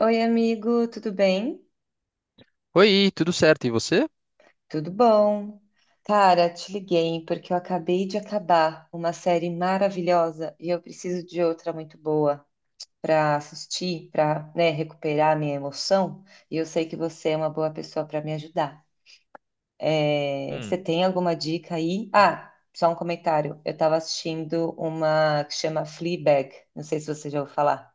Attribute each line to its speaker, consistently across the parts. Speaker 1: Oi, amigo, tudo bem?
Speaker 2: Oi, tudo certo? E você?
Speaker 1: Tudo bom? Cara, te liguei porque eu acabei de acabar uma série maravilhosa e eu preciso de outra muito boa para assistir, para, né, recuperar a minha emoção. E eu sei que você é uma boa pessoa para me ajudar. É, você
Speaker 2: Hum,
Speaker 1: tem alguma dica aí? Ah, só um comentário. Eu estava assistindo uma que chama Fleabag. Não sei se você já ouviu falar.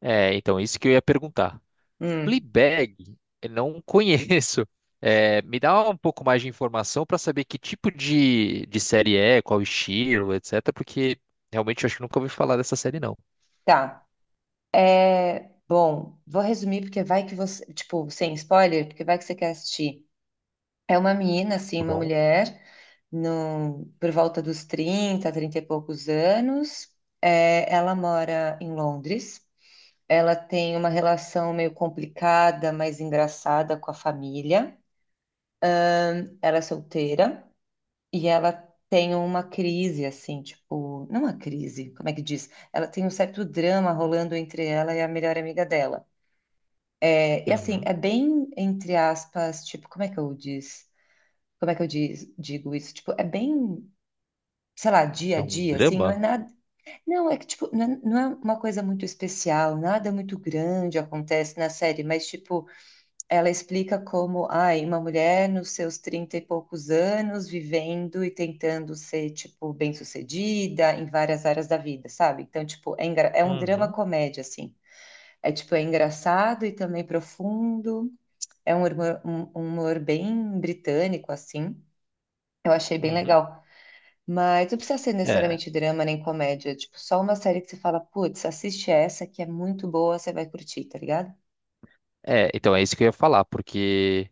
Speaker 2: É, então, isso que eu ia perguntar.
Speaker 1: Hum,
Speaker 2: Fleabag, eu não conheço. É, me dá um pouco mais de informação para saber que tipo de série é, qual estilo, etc. Porque realmente eu acho que nunca ouvi falar dessa série, não.
Speaker 1: tá. É, bom, vou resumir porque vai que você, tipo, sem spoiler, porque vai que você quer assistir. É uma menina, assim,
Speaker 2: Tá
Speaker 1: uma
Speaker 2: bom?
Speaker 1: mulher, no, por volta dos 30, 30 e poucos anos. É, ela mora em Londres. Ela tem uma relação meio complicada, mas engraçada com a família. Ela é solteira e ela tem uma crise, assim, tipo, não uma crise, como é que diz? Ela tem um certo drama rolando entre ela e a melhor amiga dela. É, e assim,
Speaker 2: Uhum.
Speaker 1: é bem, entre aspas, tipo, como é que eu diz? Como é que eu diz, digo isso? Tipo, é bem, sei lá, dia a
Speaker 2: É um
Speaker 1: dia, assim, não é
Speaker 2: drama?
Speaker 1: nada. Não, é que, tipo, não é, não é uma coisa muito especial, nada muito grande acontece na série, mas, tipo, ela explica como, ai, uma mulher nos seus 30 e poucos anos, vivendo e tentando ser, tipo, bem-sucedida em várias áreas da vida, sabe? Então, tipo, é, engra- é um drama
Speaker 2: Uhum.
Speaker 1: comédia, assim. É, tipo, é engraçado e também profundo. É um humor, um humor bem britânico, assim. Eu achei bem
Speaker 2: Uhum.
Speaker 1: legal. Mas não precisa ser
Speaker 2: É.
Speaker 1: necessariamente drama nem comédia. Tipo, só uma série que você fala, putz, assiste essa que é muito boa, você vai curtir, tá ligado?
Speaker 2: É, então é isso que eu ia falar, porque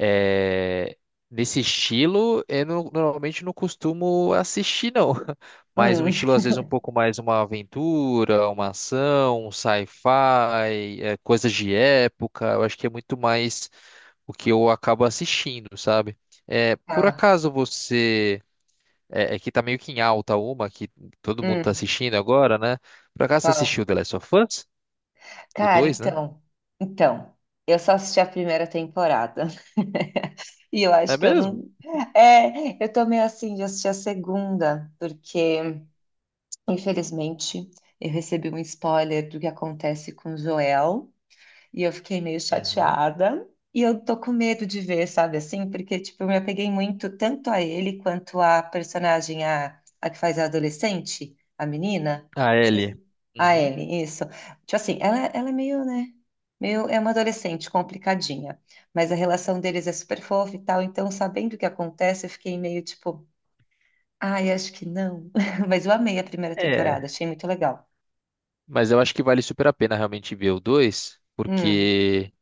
Speaker 2: é, nesse estilo, eu normalmente não costumo assistir, não. Mas um
Speaker 1: Hum.
Speaker 2: estilo, às vezes, um pouco mais uma aventura, uma ação, um sci-fi, é, coisas de época. Eu acho que é muito mais o que eu acabo assistindo, sabe? É, por
Speaker 1: Ah,
Speaker 2: acaso você. É que tá meio que em alta uma, que todo mundo tá
Speaker 1: hum,
Speaker 2: assistindo agora, né? Por acaso você assistiu
Speaker 1: qual?
Speaker 2: The Last of Us? O
Speaker 1: Cara,
Speaker 2: dois, né?
Speaker 1: então. Então. Eu só assisti a primeira temporada. E eu
Speaker 2: É
Speaker 1: acho que eu
Speaker 2: mesmo?
Speaker 1: não. É, eu tô meio assim de assistir a segunda, porque, infelizmente, eu recebi um spoiler do que acontece com Joel. E eu fiquei meio
Speaker 2: Uhum.
Speaker 1: chateada. E eu tô com medo de ver, sabe assim? Porque, tipo, eu me apeguei muito tanto a ele quanto a personagem, a que faz a adolescente, a menina.
Speaker 2: A Ellie.
Speaker 1: Esqueci. A
Speaker 2: Uhum.
Speaker 1: Ellie, isso. Tipo assim, ela é meio, né? Meio, é uma adolescente complicadinha. Mas a relação deles é super fofa e tal. Então, sabendo o que acontece, eu fiquei meio tipo, ai, acho que não. Mas eu amei a primeira temporada,
Speaker 2: É.
Speaker 1: achei muito legal.
Speaker 2: Mas eu acho que vale super a pena realmente ver o dois,
Speaker 1: Hum,
Speaker 2: porque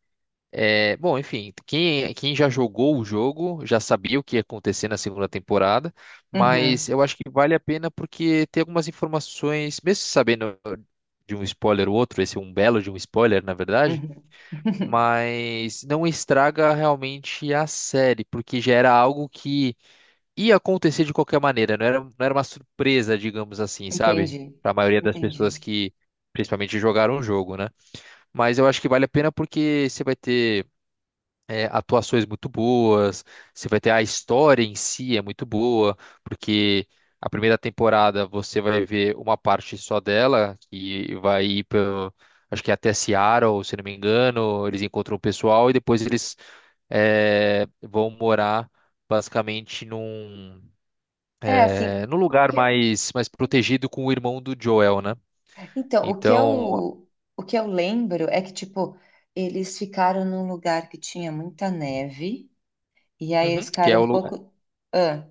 Speaker 2: é, bom, enfim, quem já jogou o jogo já sabia o que ia acontecer na segunda temporada, mas
Speaker 1: uhum,
Speaker 2: eu acho que vale a pena porque tem algumas informações, mesmo sabendo de um spoiler ou outro. Esse é um belo de um spoiler, na verdade,
Speaker 1: uhum.
Speaker 2: mas não estraga realmente a série, porque já era algo que ia acontecer de qualquer maneira, não era uma surpresa, digamos assim, sabe?
Speaker 1: Entendi,
Speaker 2: Para a maioria das pessoas
Speaker 1: entendi.
Speaker 2: que principalmente jogaram o jogo, né? Mas eu acho que vale a pena porque você vai ter é, atuações muito boas, você vai ter a história em si é muito boa, porque a primeira temporada você vai ver uma parte só dela, que vai ir pelo, acho que é até Seattle, se não me engano. Eles encontram o pessoal e depois eles é, vão morar basicamente num,
Speaker 1: É assim,
Speaker 2: é, num
Speaker 1: o
Speaker 2: lugar
Speaker 1: que-
Speaker 2: mais protegido com o irmão do Joel, né?
Speaker 1: então,
Speaker 2: Então,
Speaker 1: o que eu lembro é que, tipo, eles ficaram num lugar que tinha muita neve, e aí eles
Speaker 2: uhum. que é
Speaker 1: ficaram um
Speaker 2: o, lu-
Speaker 1: pouco. Ah,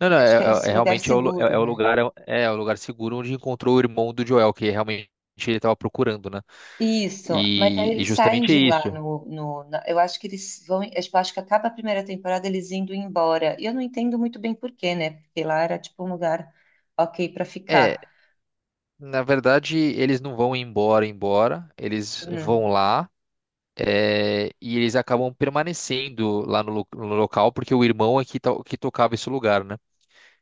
Speaker 2: Não, não,
Speaker 1: acho que é
Speaker 2: é, é-
Speaker 1: esse
Speaker 2: é
Speaker 1: lugar
Speaker 2: realmente é o, lu- é,
Speaker 1: seguro,
Speaker 2: é o
Speaker 1: né?
Speaker 2: lugar, é o lugar seguro onde encontrou o irmão do Joel, que realmente ele estava procurando, né?
Speaker 1: Isso, mas aí
Speaker 2: E
Speaker 1: eles saem
Speaker 2: justamente é
Speaker 1: de lá
Speaker 2: isso.
Speaker 1: no, no, na- eu acho que eles vão, eu tipo, acho que acaba a primeira temporada eles indo embora. E eu não entendo muito bem por quê, né? Porque lá era tipo um lugar ok pra
Speaker 2: É,
Speaker 1: ficar.
Speaker 2: na verdade, eles não vão embora, embora, eles vão
Speaker 1: Hum.
Speaker 2: lá, é, e eles acabam permanecendo lá no local, porque o irmão é que tocava esse lugar, né?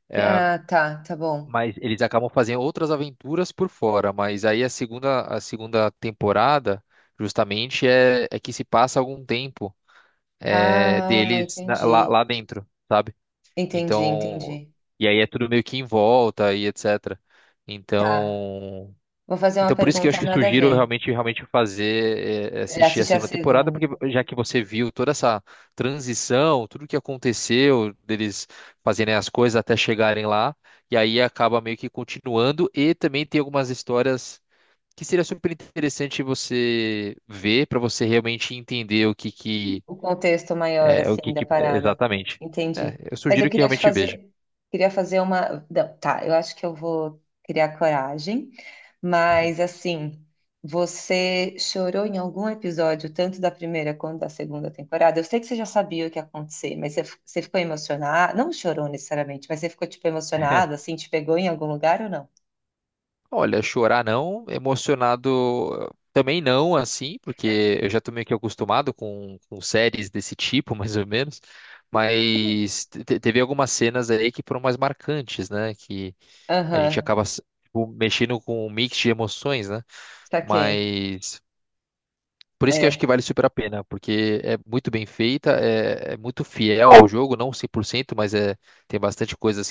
Speaker 2: É,
Speaker 1: Ah, tá, tá bom.
Speaker 2: mas eles acabam fazendo outras aventuras por fora, mas aí a segunda temporada, justamente, é que se passa algum tempo. É,
Speaker 1: Ah,
Speaker 2: deles
Speaker 1: entendi.
Speaker 2: lá dentro, sabe?
Speaker 1: Entendi,
Speaker 2: Então,
Speaker 1: entendi.
Speaker 2: e aí é tudo meio que em volta e etc.
Speaker 1: Tá.
Speaker 2: Então,
Speaker 1: Vou fazer uma
Speaker 2: por isso que eu acho
Speaker 1: pergunta
Speaker 2: que
Speaker 1: nada a
Speaker 2: sugiro
Speaker 1: ver.
Speaker 2: realmente fazer é,
Speaker 1: É,
Speaker 2: assistir a
Speaker 1: assistir a
Speaker 2: segunda temporada,
Speaker 1: segunda.
Speaker 2: porque já que você viu toda essa transição, tudo que aconteceu deles fazerem as coisas até chegarem lá, e aí acaba meio que continuando e também tem algumas histórias que seria super interessante você ver para você realmente entender o que que
Speaker 1: O contexto maior,
Speaker 2: é é o
Speaker 1: assim,
Speaker 2: que,
Speaker 1: da
Speaker 2: que-
Speaker 1: parada.
Speaker 2: exatamente. É,
Speaker 1: Entendi.
Speaker 2: eu
Speaker 1: Mas eu
Speaker 2: sugiro que
Speaker 1: queria te
Speaker 2: realmente veja.
Speaker 1: fazer. Queria fazer uma. Não, tá, eu acho que eu vou criar coragem. Mas, assim, você chorou em algum episódio, tanto da primeira quanto da segunda temporada? Eu sei que você já sabia o que ia acontecer, mas você, f- você ficou emocionada? Não chorou necessariamente, mas você ficou, tipo, emocionada, assim, te pegou em algum lugar ou não?
Speaker 2: Olha, chorar não, emocionado também não, assim, porque eu já tô meio que acostumado com séries desse tipo, mais ou menos. Mas teve algumas cenas aí que foram mais marcantes, né? Que a gente
Speaker 1: Aham,
Speaker 2: acaba tipo, mexendo com um mix de emoções, né?
Speaker 1: saquei.
Speaker 2: Mas por isso que eu acho que
Speaker 1: É,
Speaker 2: vale super a pena, porque é muito bem feita, é muito fiel ao jogo, não cem por cento, mas é, tem bastante coisas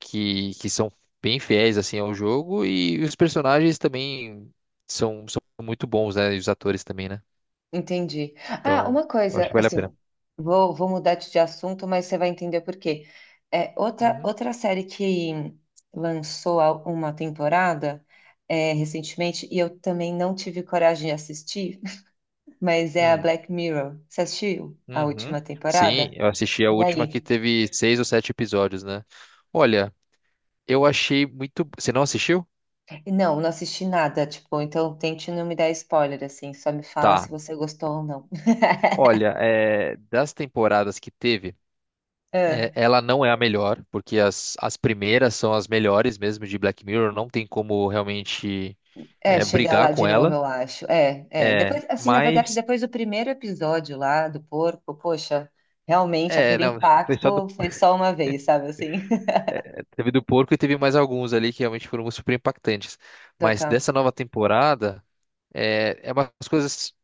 Speaker 2: que são bem fiéis assim ao jogo, e os personagens também são muito bons, né? E os atores também, né?
Speaker 1: entendi. Ah,
Speaker 2: Então,
Speaker 1: uma
Speaker 2: eu acho
Speaker 1: coisa,
Speaker 2: que vale a pena.
Speaker 1: assim, vou, vou mudar de assunto, mas você vai entender por quê. É, outra,
Speaker 2: Uhum.
Speaker 1: outra série que lançou a- uma temporada é, recentemente, e eu também não tive coragem de assistir, mas é a
Speaker 2: Hum.
Speaker 1: Black Mirror. Você assistiu a
Speaker 2: Uhum.
Speaker 1: última
Speaker 2: Sim,
Speaker 1: temporada?
Speaker 2: eu assisti a
Speaker 1: E
Speaker 2: última que
Speaker 1: aí?
Speaker 2: teve seis ou sete episódios, né? Olha, eu achei muito. Você não assistiu?
Speaker 1: Não, não assisti nada, tipo, então tente não me dar spoiler, assim, só me fala se
Speaker 2: Tá.
Speaker 1: você gostou ou não.
Speaker 2: Olha, é, das temporadas que teve, é,
Speaker 1: Ah.
Speaker 2: ela não é a melhor, porque as primeiras são as melhores mesmo de Black Mirror, não tem como realmente
Speaker 1: É,
Speaker 2: é,
Speaker 1: chegar
Speaker 2: brigar
Speaker 1: lá de
Speaker 2: com
Speaker 1: novo,
Speaker 2: ela.
Speaker 1: eu acho. É, é.
Speaker 2: É,
Speaker 1: Depois, assim, na verdade,
Speaker 2: mas
Speaker 1: depois do primeiro episódio lá do porco, poxa, realmente
Speaker 2: é,
Speaker 1: aquele
Speaker 2: não, foi só do,
Speaker 1: impacto foi só uma vez, sabe assim?
Speaker 2: teve do porco e teve mais alguns ali que realmente foram super impactantes. Mas
Speaker 1: Total.
Speaker 2: dessa nova temporada é umas coisas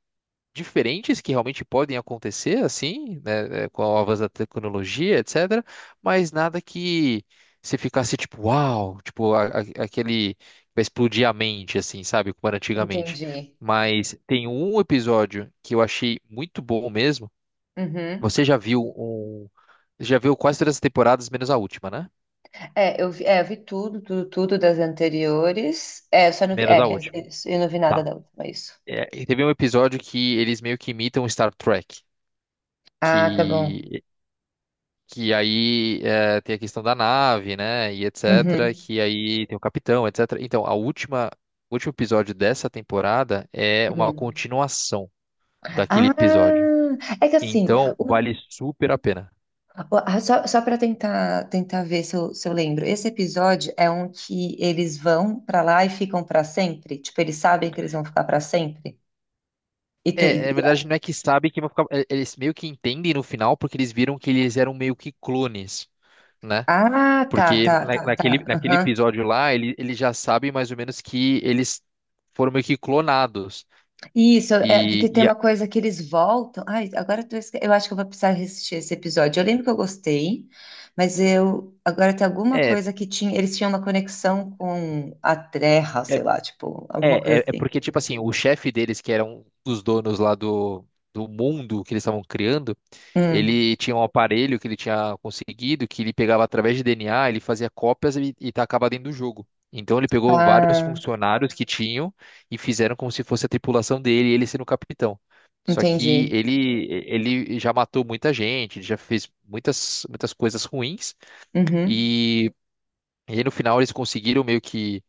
Speaker 2: diferentes que realmente podem acontecer, assim, né, é, com o avanço da tecnologia, etc. Mas nada que você ficasse tipo, uau, tipo aquele que vai explodir a mente, assim, sabe, como era antigamente.
Speaker 1: Entendi.
Speaker 2: Mas tem um episódio que eu achei muito bom mesmo.
Speaker 1: Uhum.
Speaker 2: Você já viu um. Já viu quase todas as temporadas, menos a última, né?
Speaker 1: É, eu vi tudo, tudo, tudo das anteriores. É, eu só não vi.
Speaker 2: Menos a
Speaker 1: É, é,
Speaker 2: última.
Speaker 1: é, eu não vi nada
Speaker 2: Tá.
Speaker 1: da última, é isso.
Speaker 2: É, e teve um episódio que eles meio que imitam Star Trek.
Speaker 1: Ah, tá bom.
Speaker 2: Que, que aí é, tem a questão da nave, né? E etc.
Speaker 1: Uhum.
Speaker 2: Que aí tem o capitão, etc. Então, a última, o último episódio dessa temporada é uma
Speaker 1: Uhum.
Speaker 2: continuação daquele
Speaker 1: Ah,
Speaker 2: episódio.
Speaker 1: é que assim,
Speaker 2: Então,
Speaker 1: o
Speaker 2: vale super a pena.
Speaker 1: ah, só, só para tentar tentar ver se eu, se eu lembro. Esse episódio é um que eles vão para lá e ficam para sempre? Tipo, eles sabem que eles vão ficar para sempre? E
Speaker 2: É,
Speaker 1: tem...
Speaker 2: na verdade,
Speaker 1: e-
Speaker 2: não é que sabe que vão ficar. Eles meio que entendem no final, porque eles viram que eles eram meio que clones, né?
Speaker 1: Ah, tá,
Speaker 2: Porque
Speaker 1: tá, tá, tá.
Speaker 2: naquele
Speaker 1: Aham.
Speaker 2: episódio lá, ele já sabe mais ou menos que eles foram meio que clonados.
Speaker 1: Isso, é
Speaker 2: E,
Speaker 1: porque tem
Speaker 2: e
Speaker 1: uma
Speaker 2: a-
Speaker 1: coisa que eles voltam. Ai, agora eu, tô esque- eu acho que eu vou precisar assistir esse episódio. Eu lembro que eu gostei, mas eu agora tem alguma
Speaker 2: é,
Speaker 1: coisa que tinha. Eles tinham uma conexão com a Terra, sei lá, tipo, alguma
Speaker 2: É,
Speaker 1: coisa
Speaker 2: é, é
Speaker 1: assim.
Speaker 2: porque, tipo assim, o chefe deles, que era um dos donos lá do mundo que eles estavam criando,
Speaker 1: Hum.
Speaker 2: ele tinha um aparelho que ele tinha conseguido, que ele pegava através de DNA, ele fazia cópias e tacava dentro do jogo. Então ele pegou vários
Speaker 1: Ah,
Speaker 2: funcionários que tinham e fizeram como se fosse a tripulação dele, ele sendo o capitão. Só que
Speaker 1: entendi.
Speaker 2: ele já matou muita gente, ele já fez muitas, muitas coisas ruins,
Speaker 1: Uhum.
Speaker 2: e, e aí no final eles conseguiram meio que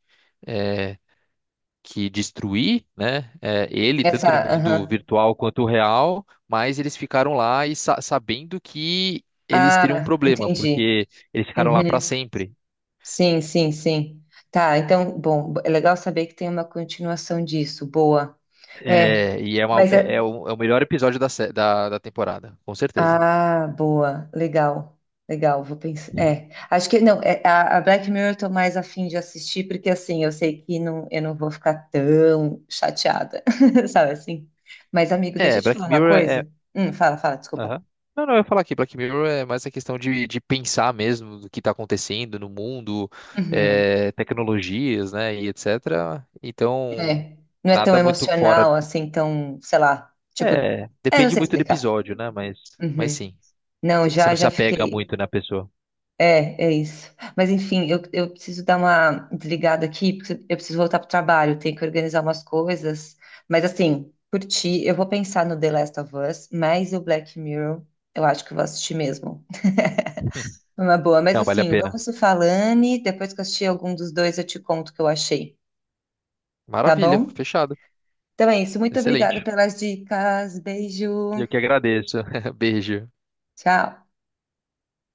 Speaker 2: é, que destruir, né? É, ele,
Speaker 1: Essa,
Speaker 2: tanto no mundo
Speaker 1: aham.
Speaker 2: virtual quanto real, mas eles ficaram lá e sabendo que eles teriam um
Speaker 1: Ah,
Speaker 2: problema,
Speaker 1: entendi.
Speaker 2: porque eles ficaram lá para
Speaker 1: Uhum.
Speaker 2: sempre.
Speaker 1: Sim, sim, sim. Tá, então, bom, é legal saber que tem uma continuação disso. Boa. É,
Speaker 2: É, e é, uma-
Speaker 1: mas
Speaker 2: é- é
Speaker 1: é.
Speaker 2: o, é o melhor episódio da temporada, com certeza.
Speaker 1: Ah, boa, legal. Legal, vou pensar. É, acho que não, é, a Black Mirror eu tô mais afim de assistir, porque assim, eu sei que não, eu não vou ficar tão chateada, sabe assim? Mas, amigo, deixa
Speaker 2: É,
Speaker 1: eu te
Speaker 2: Black
Speaker 1: falar uma
Speaker 2: Mirror é.
Speaker 1: coisa. Fala, fala, desculpa.
Speaker 2: Aham. Não, não, eu ia falar aqui, Black Mirror é mais a questão de pensar mesmo do que está acontecendo no mundo,
Speaker 1: Uhum.
Speaker 2: é, tecnologias, né, e etc. Então,
Speaker 1: É, não é tão
Speaker 2: nada muito fora.
Speaker 1: emocional assim, tão, sei lá, tipo,
Speaker 2: É,
Speaker 1: é, não
Speaker 2: depende
Speaker 1: sei
Speaker 2: muito do
Speaker 1: explicar.
Speaker 2: episódio, né? Mas
Speaker 1: Uhum.
Speaker 2: sim,
Speaker 1: Não,
Speaker 2: Você
Speaker 1: já
Speaker 2: não se
Speaker 1: já
Speaker 2: apega
Speaker 1: fiquei.
Speaker 2: muito na pessoa.
Speaker 1: É, é isso. Mas enfim, eu preciso dar uma desligada aqui, porque eu preciso voltar pro trabalho, tenho que organizar umas coisas. Mas assim, por ti, eu vou pensar no The Last of Us, mas o Black Mirror, eu acho que eu vou assistir mesmo. É uma boa, mas
Speaker 2: Não, vale a
Speaker 1: assim,
Speaker 2: pena.
Speaker 1: vamos se falando e depois que eu assistir algum dos dois, eu te conto o que eu achei, tá
Speaker 2: Maravilha,
Speaker 1: bom?
Speaker 2: fechado.
Speaker 1: Então é isso, muito obrigada
Speaker 2: Excelente.
Speaker 1: pelas dicas, beijo!
Speaker 2: Eu que agradeço. Beijo.
Speaker 1: Tchau.